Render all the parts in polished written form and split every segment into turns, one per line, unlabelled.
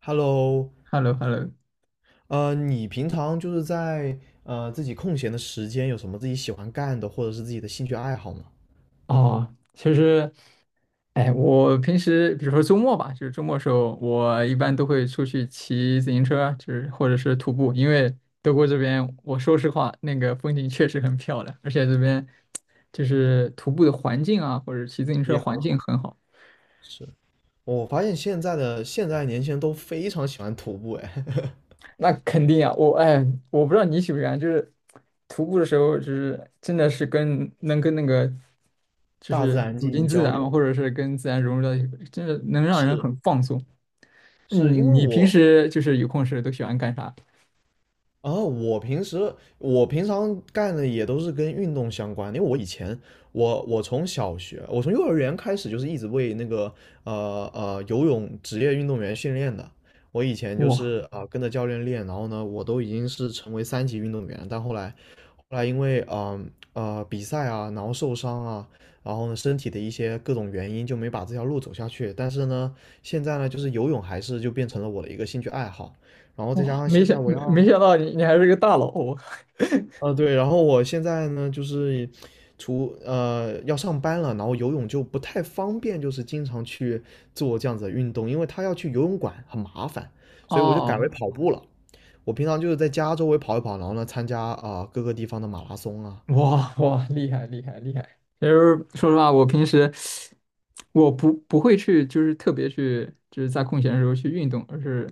Hello，
h e l l o h e l l o
你平常就是在自己空闲的时间有什么自己喜欢干的，或者是自己的兴趣爱好吗？
哦，其实，哎，我平时比如说周末吧，就是周末的时候，我一般都会出去骑自行车啊，就是或者是徒步，因为德国这边，我说实话，那个风景确实很漂亮，而且这边就是徒步的环境啊，或者骑自行车
也
环
很
境
好。
很好。
是，我发现现在的现在年轻人都非常喜欢徒步，哎，
那肯定啊，我哎，我不知道你喜不喜欢，就是徒步的时候，就是真的是跟能跟那个 就
大自
是
然
走
进
进
行
自
交
然嘛，或
流。
者是跟自然融入到一个，真的能让人
是，
很放松。你
是因为
你平
我
时就是有空时都喜欢干啥？
哦，我平时我平常干的也都是跟运动相关的因为我以前我从小学我从幼儿园开始就是一直为那个游泳职业运动员训练的。我以前就
哇
是跟着教练练，然后呢我都已经是成为3级运动员，但后来后来因为比赛啊，然后受伤啊，然后呢身体的一些各种原因就没把这条路走下去。但是呢现在呢就是游泳还是就变成了我的一个兴趣爱好，然后再加
哇，
上
没
现
想
在我
没
要。
没想到你还是个大佬哦，
对，然后我现在呢，就是要上班了，然后游泳就不太方便，就是经常去做这样子的运动，因为他要去游泳馆很麻烦，所以我就改为
哦
跑步了。我平常就是在家周围跑一跑，然后呢参加各个地方的马拉松啊。
哇哇，厉害厉害厉害！就是说实话，我平时我不会去，就是特别去，就是在空闲的时候去运动，而是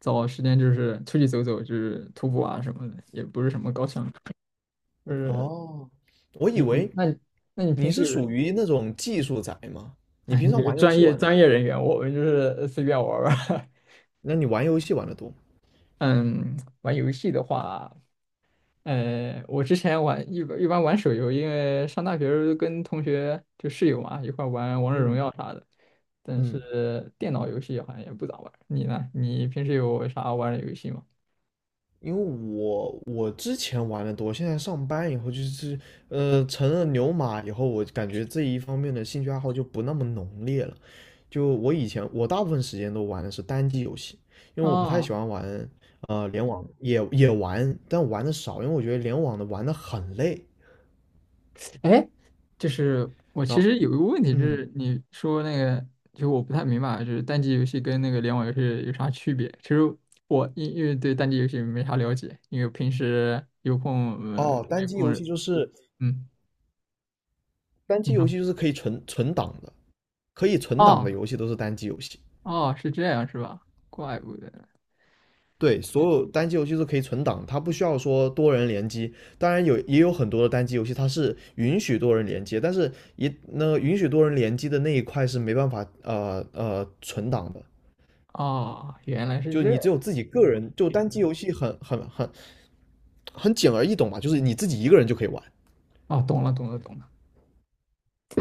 找时间就是出去走走，就是徒步啊什么的，也不是什么高强度。就是
哦，我以
你你
为
那你那你
你
平时
是
有，
属于那种技术宅吗？你
哎，
平
你
常
是
玩游
专
戏
业
玩的
专
多？
业人员，我们就是随便玩儿玩儿。
那你玩游戏玩的多吗
嗯，玩游戏的话，我之前玩一般一般玩手游，因为上大学的时候跟同学就室友嘛一块玩王者荣
嗯
耀啥的，但
嗯。
是电脑游戏好像也不咋玩。你呢？你平时有啥玩的游戏吗？
因为我之前玩的多，现在上班以后就是成了牛马以后，我感觉这一方面的兴趣爱好就不那么浓烈了。就我以前我大部分时间都玩的是单机游戏，因为我不太
啊，
喜欢玩联网，也玩，但玩的少，因为我觉得联网的玩的很累。
哎，就是我
然
其
后
实有一个问题，就
嗯
是你说那个，就我不太明白，就是单机游戏跟那个联网游戏有啥区别？其实我因为对单机游戏没啥了解，因为平时有空
哦，
没空，嗯。
单机
你
游
说，
戏就是可以存档的，可以存档的
哦
游戏都是单机游戏。
哦，是这样是吧？怪不得，
对，所有单机游戏都可以存档，它不需要说多人联机。当然也有很多的单机游戏它是允许多人联机，但是那允许多人联机的那一块是没办法存档的，
哦，原来是
就是
这
你
样，
只有自己个人，就单机游戏很简而易懂嘛，就是你自己一个人就可以玩，
哦，懂了懂了懂了。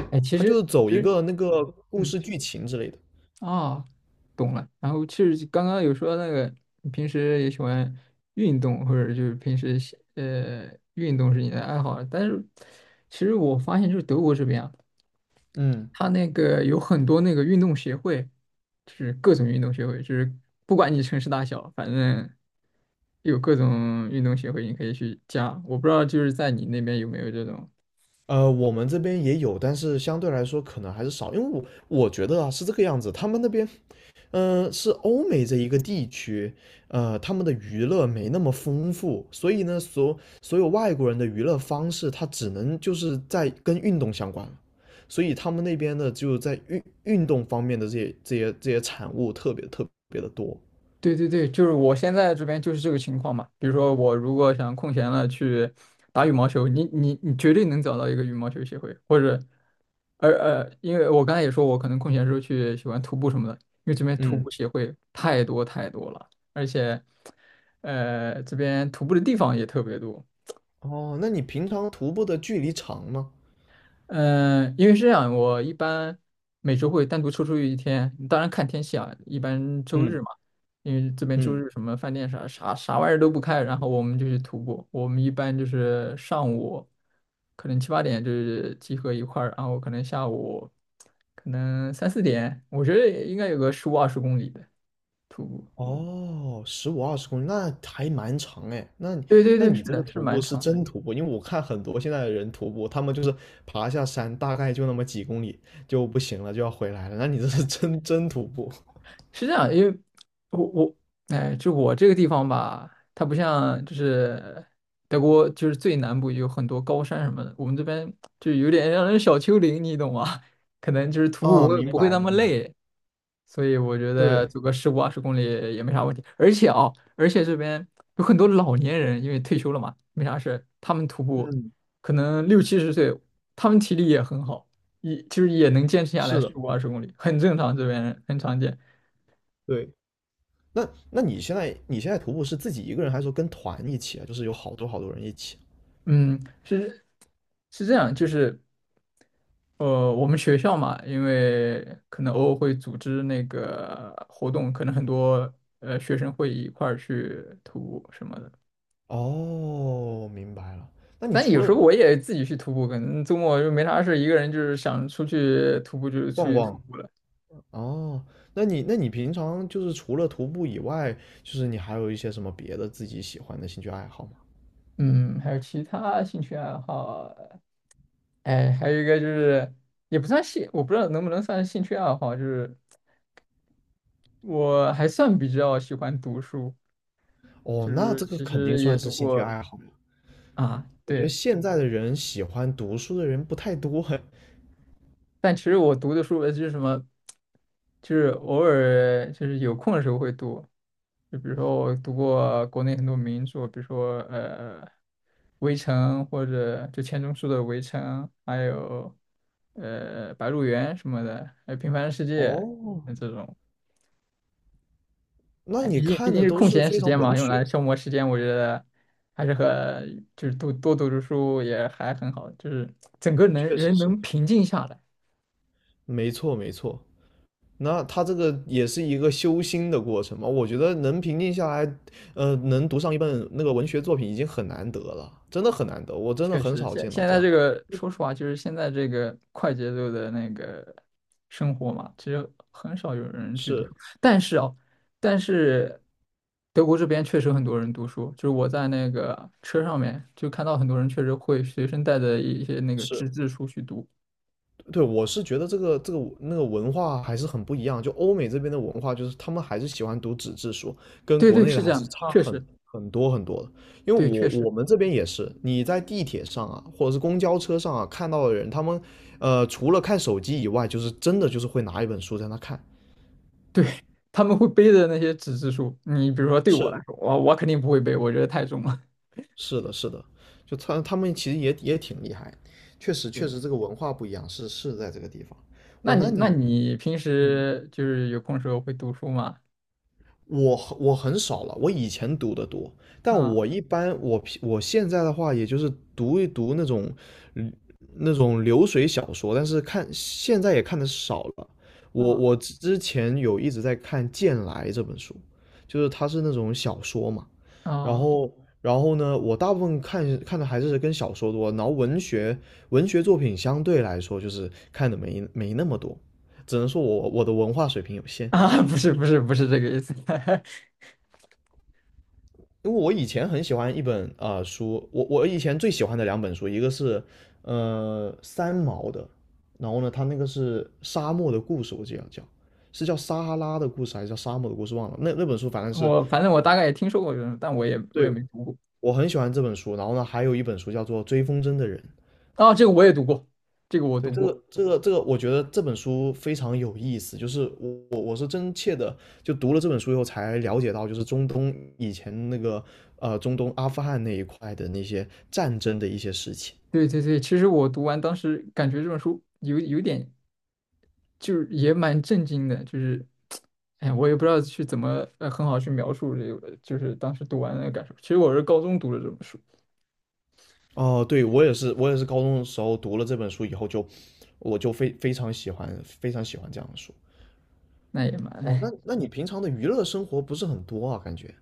哎，其
它就
实
是走
其
一
实，
个那个故
嗯，
事剧情之类的。
哦，懂了。然后其实刚刚有说那个，你平时也喜欢运动，或者就是平时运动是你的爱好，但是其实我发现就是德国这边啊。
嗯，
它那个有很多那个运动协会，就是各种运动协会，就是不管你城市大小，反正有各种运动协会，你可以去加。我不知道就是在你那边有没有这种。
我们这边也有，但是相对来说可能还是少，因为我觉得啊是这个样子，他们那边，是欧美这一个地区，他们的娱乐没那么丰富，所以呢，所有外国人的娱乐方式，他只能就是在跟运动相关了，所以他们那边的就在运动方面的这些产物特别特别的多。
对对对，就是我现在这边就是这个情况嘛。比如说我如果想空闲了去打羽毛球，你绝对能找到一个羽毛球协会，或者因为我刚才也说，我可能空闲时候去喜欢徒步什么的，因为这边徒
嗯，
步协会太多太多了，而且，这边徒步的地方也特别多，
哦，那你平常徒步的距离长吗？
嗯，因为是这样，我一般每周会单独抽出一天，当然看天气啊，一般周日
嗯
嘛，因为这边周
嗯。
日什么饭店啥啥啥玩意儿都不开，然后我们就去徒步。我们一般就是上午可能七八点就是集合一块儿，然后可能下午可能三四点，我觉得应该有个十五二十公里的徒步。
哦，15到20公里，那还蛮长哎。
对对
那
对，是
你这个
的，是
徒
蛮
步是
长。
真徒步，因为我看很多现在的人徒步，他们就是爬下山，大概就那么几公里就不行了，就要回来了。那你这是真徒步
是这样，因为我哎，就我这个地方吧，它不像就是德国，就是最南部有很多高山什么的，我们这边就有点让人小丘陵，你懂吗？可能就是徒步不
啊？
会
明
不会
白
那么
明白，
累，所以我觉得
对，
走个十五二十公里也没啥问题。而且啊，而且这边有很多老年人，因为退休了嘛，没啥事，他们徒步
嗯，
可能六七十岁，他们体力也很好，也就是也能坚持下来
是的，
十五二十公里，很正常，这边人很常见。
对。那你现在徒步是自己一个人，还是说跟团一起啊？就是有好多好多人一起
嗯，是是这样，就是我们学校嘛，因为可能偶尔会组织那个活动，可能很多学生会一块儿去徒步什么的。
啊。哦，明白了。那你
但
除
有时
了
候我也自己去徒步，可能周末就没啥事，一个人就是想出去徒步就出
逛
去徒
逛，
步了。
哦，那你平常就是除了徒步以外，就是你还有一些什么别的自己喜欢的兴趣爱好吗？
嗯，还有其他兴趣爱好，哎，还有一个就是也不算兴，我不知道能不能算兴趣爱好，就是我还算比较喜欢读书。
哦，
就
那
是
这个
其
肯定
实也
算是
读
兴趣
过
爱好呀。
啊，
我觉得
对，
现在的人喜欢读书的人不太多嘿。
但其实我读的书就是什么，就是偶尔就是有空的时候会读，就比如说我读过国内很多名著，比如说《围城》或者就钱钟书的《围城》，还有《白鹿原》什么的，还有《平凡的世界》
哦，
这种。
那
哎，
你
毕竟毕
看
竟
的
是
都
空
是
闲
非
时
常
间嘛，
文
用来
学，
消磨时间，我觉得还是和就是多多读读书也还很好，就是整个能
确实
人
是。
能平静下来。
没错没错，那他这个也是一个修心的过程嘛。我觉得能平静下来，能读上一本那个文学作品已经很难得了，真的很难得，我真的
确
很
实，
少
现
见到
现
这
在
样。
这个说实话，就是现在这个快节奏的那个生活嘛，其实很少有人去读
是
书。但是哦，但是德国这边确实很多人读书，就是我在那个车上面就看到很多人确实会随身带着一些那个纸
是。
质书去读。
对，我是觉得那个文化还是很不一样。就欧美这边的文化，就是他们还是喜欢读纸质书，跟
对
国
对，
内的
是这
还
样
是
的，
差
确实，
很多很多的。因为
对，确实。
我们这边也是，你在地铁上啊，或者是公交车上啊，看到的人，他们除了看手机以外，就是真的就是会拿一本书在那看。
对，他们会背的那些纸质书，你比如说对我来
是
说，我肯定不会背，我觉得太重了。
是的，是的，就他们其实也挺厉害，确实
对，
确实 这个文化不一样，是是在这个地方。
那
我
你
那
那
你。
你平
嗯。
时就是有空时候会读书吗？
我很少了，我以前读的多，但我
啊
一般我现在的话，也就是读一读那种嗯那种流水小说，但是看现在也看的少了。我
啊
之前有一直在看《剑来》这本书，就是它是那种小说嘛，然
啊
后然后呢，我大部分看的还是跟小说多，然后文学作品相对来说就是看的没那么多，只能说我的文化水平有 限。
啊！不是不是不是这个意思，
因为我以前很喜欢一本书，我以前最喜欢的2本书，一个是三毛的，然后呢，他那个是《沙漠的故事》，我记得叫是叫《撒哈拉的故事》还是叫《沙漠的故事》忘了。那本书反 正是
我反正我大概也听说过这种，但我也
对
没读过。
我很喜欢这本书，然后呢，还有一本书叫做《追风筝的人》，
啊，这个我也读过，这个我
对，
读过。
这个，我觉得这本书非常有意思。就是我是真切的，就读了这本书以后才了解到，就是中东以前那个中东阿富汗那一块的那些战争的一些事情。
对对对，其实我读完当时感觉这本书有点就是也蛮震惊的，就是，哎呀，我也不知道去怎么很好去描述这个，就是当时读完那个感受。其实我是高中读的这本书，
哦，对，我也是，我也是高中的时候读了这本书以后就，我就非常喜欢，非常喜欢这样的书。
那也蛮
哦，
哎，
那你平常的娱乐生活不是很多啊？感觉？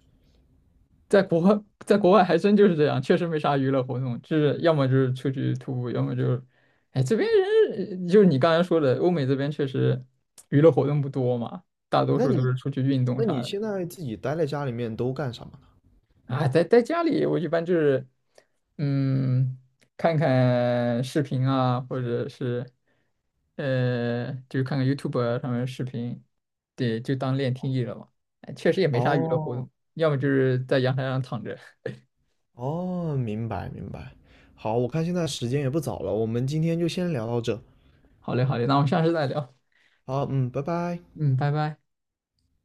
在国外，在国外还真就是这样，确实没啥娱乐活动，就是要么就是出去徒步，要么就是，哎，这边人就是你刚才说的，欧美这边确实娱乐活动不多嘛，大多
那
数都
你
是出去运动
那
啥
你
的。
现在自己待在家里面都干什么呢？
啊，在家里，我一般就是，嗯，看看视频啊，或者是，就是看看 YouTube 啊上面的视频，对，就当练听力了嘛。哎确实也没啥娱乐活
哦
动，要么就是在阳台上躺着。
哦，明白明白。好，我看现在时间也不早了，我们今天就先聊到这。
好嘞，好嘞，那我们下次再聊。
好，嗯，拜拜。
嗯，拜拜。